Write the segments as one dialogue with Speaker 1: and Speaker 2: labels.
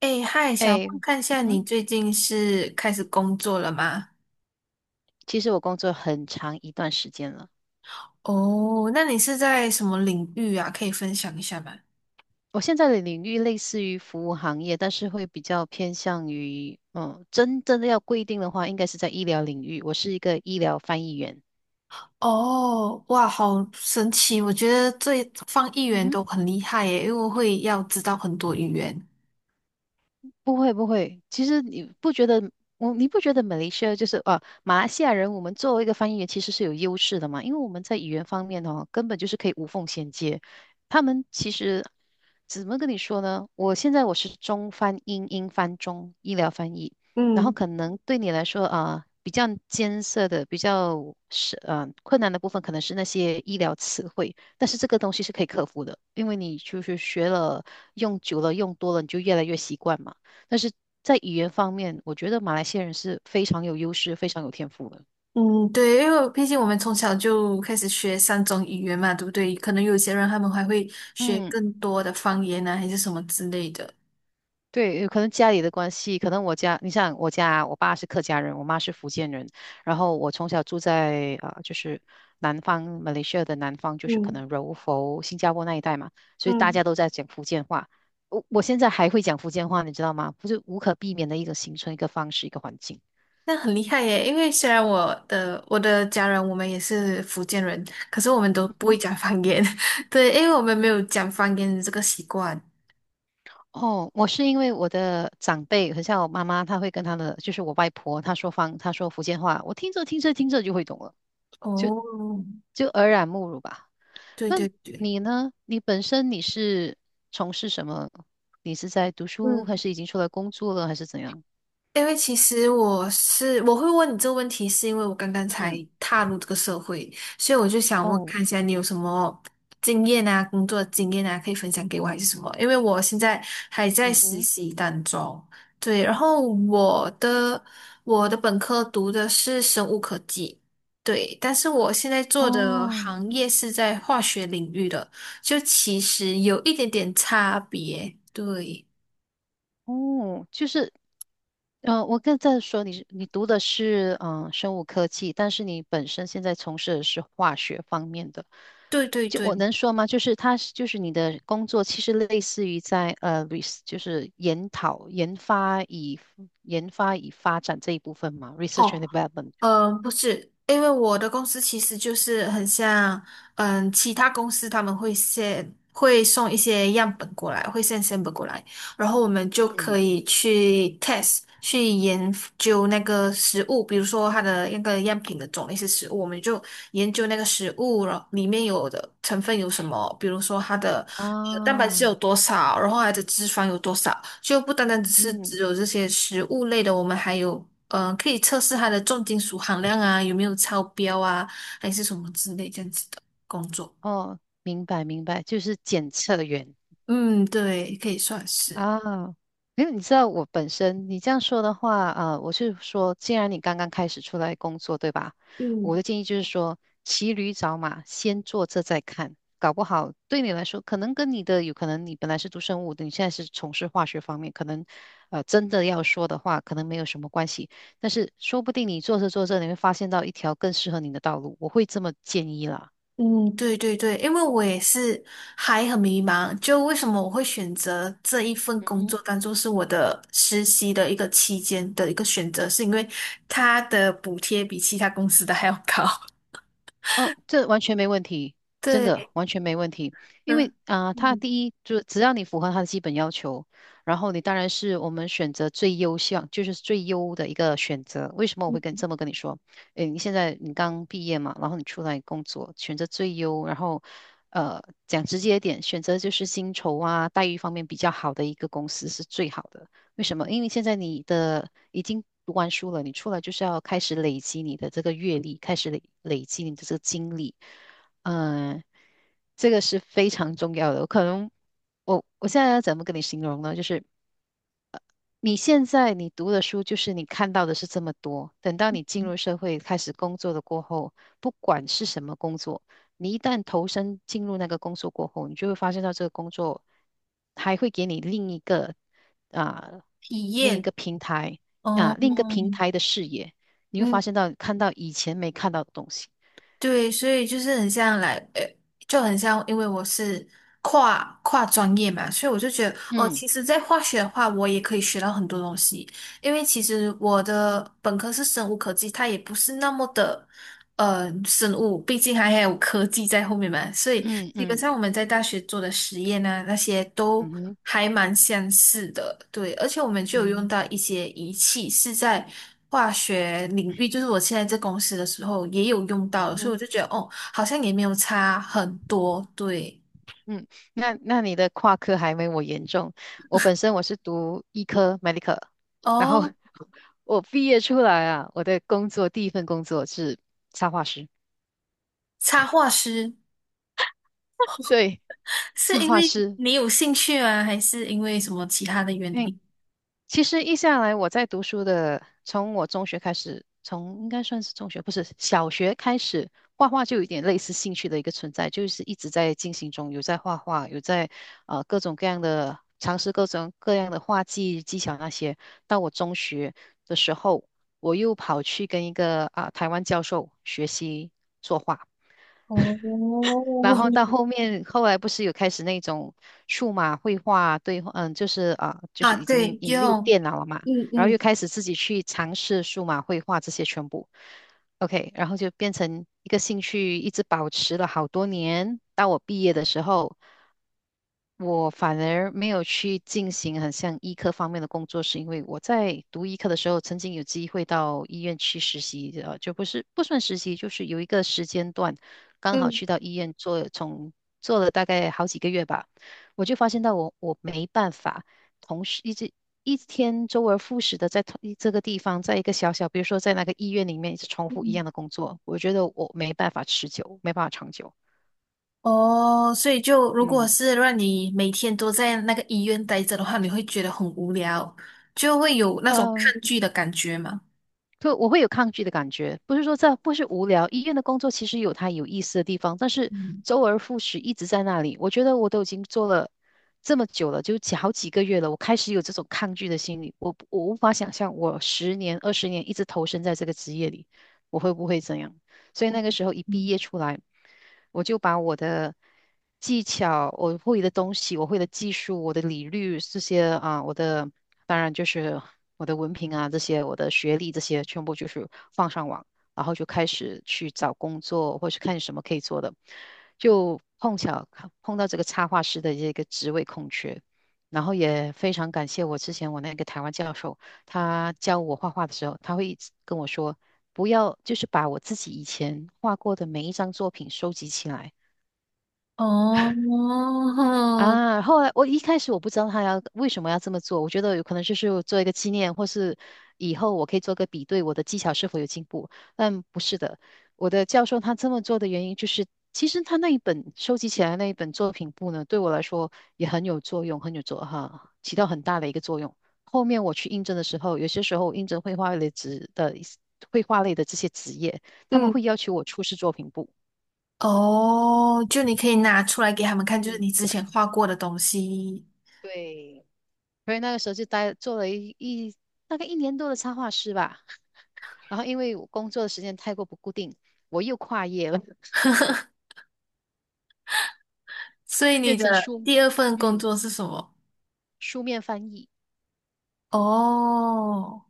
Speaker 1: 哎，嗨，想
Speaker 2: 哎，
Speaker 1: 问看一下
Speaker 2: 嗯，
Speaker 1: 你最近是开始工作了吗？
Speaker 2: 其实我工作很长一段时间了。
Speaker 1: 哦，那你是在什么领域啊？可以分享一下吗？
Speaker 2: 我现在的领域类似于服务行业，但是会比较偏向于，真正的要规定的话，应该是在医疗领域。我是一个医疗翻译员。
Speaker 1: 哦，哇，好神奇！我觉得这方议
Speaker 2: 嗯
Speaker 1: 员
Speaker 2: 哼。
Speaker 1: 都很厉害耶，因为会要知道很多语言。
Speaker 2: 不会不会，其实你不觉得我你不觉得马来西亚就是啊马来西亚人，我们作为一个翻译员其实是有优势的嘛，因为我们在语言方面哦，根本就是可以无缝衔接。他们其实怎么跟你说呢？我现在我是中翻英，英翻中，医疗翻译，然后
Speaker 1: 嗯
Speaker 2: 可能对你来说啊、比较艰涩的、比较是困难的部分，可能是那些医疗词汇。但是这个东西是可以克服的，因为你就是学了，用久了，用多了，你就越来越习惯嘛。但是在语言方面，我觉得马来西亚人是非常有优势、非常有天赋的。
Speaker 1: 嗯，对，因为毕竟我们从小就开始学三种语言嘛，对不对？可能有些人他们还会学
Speaker 2: 嗯，
Speaker 1: 更多的方言啊，还是什么之类的。
Speaker 2: 对，有可能家里的关系，可能我家，你像我家，我爸是客家人，我妈是福建人，然后我从小住在就是南方，马来西亚的南方，就是可
Speaker 1: 嗯
Speaker 2: 能柔佛、新加坡那一带嘛，所以大
Speaker 1: 嗯。
Speaker 2: 家都在讲福建话。我现在还会讲福建话，你知道吗？不是无可避免的一个形成一个方式，一个环境。
Speaker 1: 那很厉害耶，因为虽然我的家人我们也是福建人，可是我们都不会讲方言，对，因为我们没有讲方言的这个习惯。
Speaker 2: 哦，我是因为我的长辈，很像我妈妈，她会跟她的，就是我外婆，她说福建话，我听着就会懂了，
Speaker 1: 哦，
Speaker 2: 就耳濡目染吧。
Speaker 1: 对
Speaker 2: 那
Speaker 1: 对对，
Speaker 2: 你呢？你本身你是从事什么？你是在读书，还
Speaker 1: 嗯。
Speaker 2: 是已经出来工作了，还是怎样？
Speaker 1: 因为其实我会问你这个问题，是因为我刚刚才
Speaker 2: 嗯，
Speaker 1: 踏入这个社会，所以我就想问
Speaker 2: 哦，
Speaker 1: 看一下你有什么经验啊，工作经验啊，可以分享给我还是什么？因为我现在还在
Speaker 2: 嗯
Speaker 1: 实
Speaker 2: 哼，
Speaker 1: 习当中，对，然后我的本科读的是生物科技，对，但是我现在做的
Speaker 2: 哦，
Speaker 1: 行业是在化学领域的，就其实有一点点差别，对，
Speaker 2: 哦，我刚在说你是你读的是生物科技，但是你本身现在从事的是化学方面的，
Speaker 1: 对对
Speaker 2: 就
Speaker 1: 对。
Speaker 2: 我能说吗？就是它是就是你的工作其实类似于在呃 res 就是研讨研发以研发以发展这一部分嘛，research
Speaker 1: 哦。
Speaker 2: and development。
Speaker 1: 嗯，不是，因为我的公司其实就是很像，其他公司他们会先会送一些样本过来，会先 s a m 过来，然后我们就可
Speaker 2: 嗯，
Speaker 1: 以去 test 去研究那个食物，比如说它的那个样品的种类是食物，我们就研究那个食物了里面有的成分有什么，比如说它的蛋白质
Speaker 2: 啊，
Speaker 1: 有多少，然后它的脂肪有多少，就不单单只是
Speaker 2: 嗯，
Speaker 1: 只有这些食物类的，我们还有可以测试它的重金属含量啊，有没有超标啊，还是什么之类这样子的工作。
Speaker 2: 哦，明白明白，就是检测员。
Speaker 1: 嗯，对，可以算是。
Speaker 2: 啊，因为你知道我本身，你这样说的话，啊，我是说，既然你刚刚开始出来工作，对吧？我的
Speaker 1: 嗯。
Speaker 2: 建议就是说，骑驴找马，先做这再看，搞不好对你来说，可能跟你的有可能，你本来是读生物的，你现在是从事化学方面，可能，真的要说的话，可能没有什么关系，但是说不定你做着做着，你会发现到一条更适合你的道路，我会这么建议啦。
Speaker 1: 嗯，对对对，因为我也是还很迷茫，就为什么我会选择这一份工作当做是我的实习的一个期间的一个选择，是因为它的补贴比其他公司的还要高。
Speaker 2: 哦，这完全没问题，真的
Speaker 1: 对，
Speaker 2: 完全没问题。因
Speaker 1: 嗯
Speaker 2: 为啊、他
Speaker 1: 嗯，
Speaker 2: 第一就是只要你符合他的基本要求，然后你当然是我们选择最优项，就是最优的一个选择。为什么我会这么跟你说？诶，你现在你刚毕业嘛，然后你出来工作，选择最优，然后讲直接一点，选择就是薪酬啊、待遇方面比较好的一个公司是最好的。为什么？因为现在你的已经读完书了，你出来就是要开始累积你的这个阅历，开始累积你的这个经历。嗯，这个是非常重要的。我可能我我现在要怎么跟你形容呢？就是你现在你读的书就是你看到的是这么多，等到你进入社会开始工作的过后，不管是什么工作，你一旦投身进入那个工作过后，你就会发现到这个工作还会给你啊、
Speaker 1: 体
Speaker 2: 另一
Speaker 1: 验，
Speaker 2: 个平台
Speaker 1: 哦，
Speaker 2: 啊、另一个平台的视野，你会发
Speaker 1: 嗯，
Speaker 2: 现到看到以前没看到的东西。
Speaker 1: 对，所以就是很像来，就很像，因为我是跨专业嘛，所以我就觉得，哦，
Speaker 2: 嗯
Speaker 1: 其实，在化学的话，我也可以学到很多东西，因为其实我的本科是生物科技，它也不是那么的，生物，毕竟还有科技在后面嘛，所以
Speaker 2: 嗯
Speaker 1: 基本
Speaker 2: 嗯
Speaker 1: 上我们在大学做的实验呢，那些都
Speaker 2: 嗯哼
Speaker 1: 还蛮相似的，对，而且我们就有用
Speaker 2: 嗯
Speaker 1: 到
Speaker 2: 哼
Speaker 1: 一些仪器，是在化学领域，就是我现在在公司的时候也有用到
Speaker 2: 嗯
Speaker 1: 的所以
Speaker 2: 哼。
Speaker 1: 我就觉得哦，好像也没有差很多，对，
Speaker 2: 嗯，那那你的跨科还没我严重。我本身我是读医科 medical，然后
Speaker 1: 哦，
Speaker 2: 我毕业出来啊，我的第一份工作是插画师。
Speaker 1: 插画师
Speaker 2: 对，
Speaker 1: 是
Speaker 2: 插
Speaker 1: 因
Speaker 2: 画
Speaker 1: 为
Speaker 2: 师，
Speaker 1: 你有兴趣吗？还是因为什么其他的原
Speaker 2: 因
Speaker 1: 因？
Speaker 2: 其实一下来，我在读书的，从应该算是中学，不是小学开始，画画就有点类似兴趣的一个存在，就是一直在进行中，有在画画，有在各种各样的尝试各种各样的画技技巧那些。到我中学的时候，我又跑去跟一个台湾教授学习作画。
Speaker 1: 哦，
Speaker 2: 然后到后面，后来不是有开始那种数码绘画对话嗯，就是啊，就是
Speaker 1: 啊，
Speaker 2: 已经
Speaker 1: 对，
Speaker 2: 引入
Speaker 1: 用，
Speaker 2: 电脑了嘛，
Speaker 1: 嗯
Speaker 2: 然后又
Speaker 1: 嗯
Speaker 2: 开始自己去尝试数码绘画这些全部，OK，然后就变成一个兴趣，一直保持了好多年。到我毕业的时候，我反而没有去进行很像医科方面的工作，是因为我在读医科的时候，曾经有机会到医院去实习，就不是不算实习，就是有一个时间段。刚好
Speaker 1: 嗯。
Speaker 2: 去到医院做，从做了大概好几个月吧，我就发现到我没办法同时一直一天周而复始的在同这个地方，在一个小小，比如说在那个医院里面一直重复一
Speaker 1: 嗯
Speaker 2: 样的工作，我觉得我没办法持久，没办法长久。
Speaker 1: 哦，所以就如果
Speaker 2: 嗯，
Speaker 1: 是让你每天都在那个医院待着的话，你会觉得很无聊，就会有那种
Speaker 2: 呃，
Speaker 1: 抗拒的感觉嘛。
Speaker 2: 就我会有抗拒的感觉，不是说这不是无聊，医院的工作其实有它有意思的地方，但是
Speaker 1: 嗯
Speaker 2: 周而复始一直在那里，我觉得我都已经做了这么久了，好几个月了，我开始有这种抗拒的心理，我无法想象我十年二十年一直投身在这个职业里，我会不会怎样？所以
Speaker 1: 嗯
Speaker 2: 那个时候一毕
Speaker 1: 嗯，
Speaker 2: 业出来，我就把我的。技巧，我会的东西，我会的技术，我的理律这些啊，我的当然就是我的文凭啊，这些我的学历这些全部就是放上网，然后就开始去找工作，或是看什么可以做的，就碰巧看碰到这个插画师的这个职位空缺，然后也非常感谢我之前我那个台湾教授，他教我画画的时候，他会一直跟我说。不要，就是把我自己以前画过的每一张作品收集起来，
Speaker 1: 哦，
Speaker 2: 啊，后来我一开始不知道他为什么要这么做，我觉得有可能就是做一个纪念，或是以后我可以做个比对，我的技巧是否有进步。但不是的，我的教授他这么做的原因就是，其实他那一本收集起来那一本作品簿呢，对我来说也很有作用，很有作哈，起到很大的一个作用。后面我去应征的时候，有些时候我应征绘画类的这些职业，他们
Speaker 1: 嗯
Speaker 2: 会要求我出示作品簿。
Speaker 1: 哦，就你可以拿出来给他们看，就是
Speaker 2: 嗯，
Speaker 1: 你之前画过的东西。
Speaker 2: 对，所以那个时候就做了大概一年多的插画师吧。然后因为我工作的时间太过不固定，我又跨业了，
Speaker 1: 所以你
Speaker 2: 变成
Speaker 1: 的
Speaker 2: 书，
Speaker 1: 第二份工
Speaker 2: 嗯，
Speaker 1: 作是什么？
Speaker 2: 书面翻译，
Speaker 1: 哦，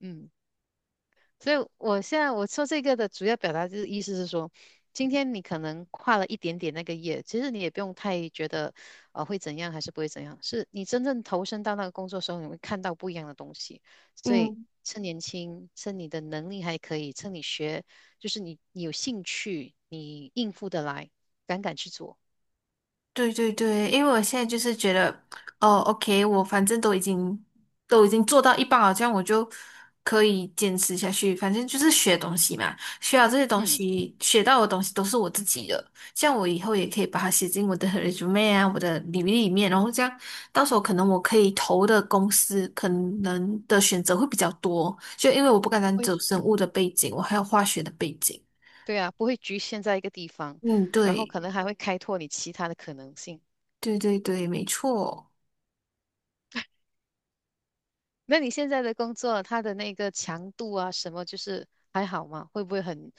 Speaker 2: 嗯，所以我现在我说这个的主要表达就是意思是说，今天你可能跨了一点点那个业，其实你也不用太觉得会怎样还是不会怎样，是你真正投身到那个工作的时候，你会看到不一样的东西。所以
Speaker 1: 嗯
Speaker 2: 趁年轻，趁你的能力还可以，趁你学，就是你有兴趣，你应付得来，敢敢去做。
Speaker 1: 对对对，因为我现在就是觉得，哦，OK，我反正都已经做到一半了，这样我就可以坚持下去。反正就是学东西嘛，学好这些东
Speaker 2: 嗯，
Speaker 1: 西，学到的东西都是我自己的，像我以后也可以把它写进我的 resume 啊，我的履历里面，然后这样到时候可
Speaker 2: 嗯，
Speaker 1: 能我可以投的公司可能的选择会比较多，就因为我不单单
Speaker 2: 会，
Speaker 1: 走生物
Speaker 2: 嗯，
Speaker 1: 的背景，我还有化学的背景。
Speaker 2: 对啊，不会局限在一个地方，
Speaker 1: 嗯，
Speaker 2: 然后
Speaker 1: 对
Speaker 2: 可能还会开拓你其他的可能性。
Speaker 1: 对对对，没错。
Speaker 2: 那你现在的工作，它的那个强度啊，什么就是还好吗？会不会很？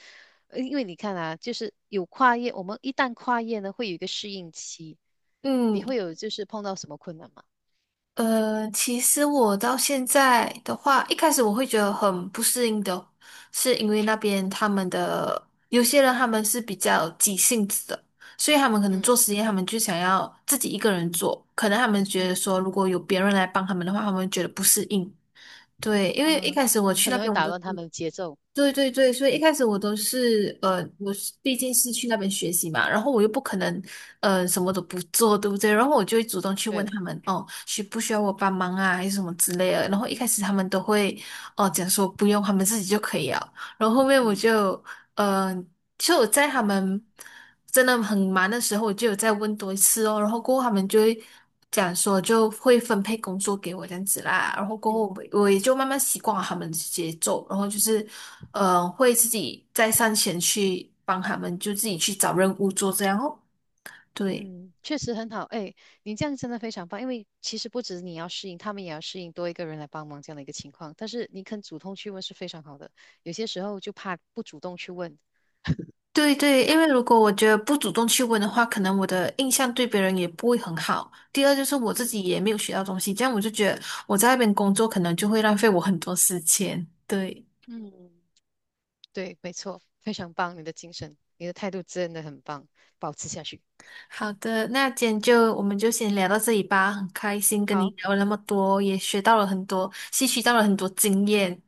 Speaker 2: 因为你看啊，就是有跨业，我们一旦跨业呢，会有一个适应期，你
Speaker 1: 嗯。
Speaker 2: 会有就是碰到什么困难吗？
Speaker 1: 其实我到现在的话，一开始我会觉得很不适应的，是因为那边他们的有些人他们是比较急性子的，所以他们可能
Speaker 2: 嗯，
Speaker 1: 做实验，他们就想要自己一个人做，可能他们觉得
Speaker 2: 嗯，
Speaker 1: 说如果有别人来帮他们的话，他们会觉得不适应。对，因为一
Speaker 2: 呃，
Speaker 1: 开始我去
Speaker 2: 可
Speaker 1: 那
Speaker 2: 能会
Speaker 1: 边，我
Speaker 2: 打
Speaker 1: 都是
Speaker 2: 乱他们的节奏。
Speaker 1: 对对对，所以一开始我都是我是毕竟是去那边学习嘛，然后我又不可能什么都不做，对不对？然后我就会主动去问
Speaker 2: 对，
Speaker 1: 他们哦，需不需要我帮忙啊，还是什么之类的。
Speaker 2: 嗯
Speaker 1: 然后一
Speaker 2: 哼，
Speaker 1: 开始他们都会哦、讲说不用，他们自己就可以了。然后后面我
Speaker 2: 嗯，
Speaker 1: 就嗯。其实我在他们真的很忙的时候，我就有再问多一次哦，然后过后他们就会讲说就会分配工作给我这样子啦，然后过后
Speaker 2: 嗯，
Speaker 1: 我也就慢慢习惯了他们的节奏，然后就是会自己再上前去帮他们，就自己去找任务做这样哦，对。
Speaker 2: 嗯，确实很好。哎，你这样真的非常棒，因为其实不止你要适应，他们也要适应多一个人来帮忙这样的一个情况。但是你肯主动去问是非常好的，有些时候就怕不主动去问。
Speaker 1: 对对，因为如果我觉得不主动去问的话，可能我的印象对别人也不会很好。第二就是我自
Speaker 2: 嗯。
Speaker 1: 己也没有学到东西，这样我就觉得我在那边工作可能就会浪费我很多时间。对。
Speaker 2: 嗯，对，没错，非常棒，你的精神，你的态度真的很棒，保持下去。
Speaker 1: 好的，那今天就我们就先聊到这里吧。很开心跟你
Speaker 2: 好，
Speaker 1: 聊了那么多，也学到了很多，吸取到了很多经验。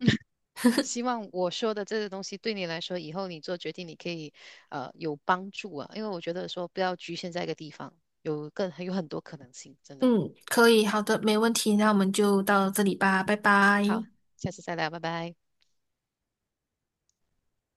Speaker 2: 希望我说的这个东西对你来说，以后你做决定，你可以有帮助啊，因为我觉得说不要局限在一个地方，有很多可能性，真的。
Speaker 1: 嗯，可以，好的，没问题。那我们就到这里吧，拜
Speaker 2: 好，
Speaker 1: 拜。
Speaker 2: 下次再聊，拜拜。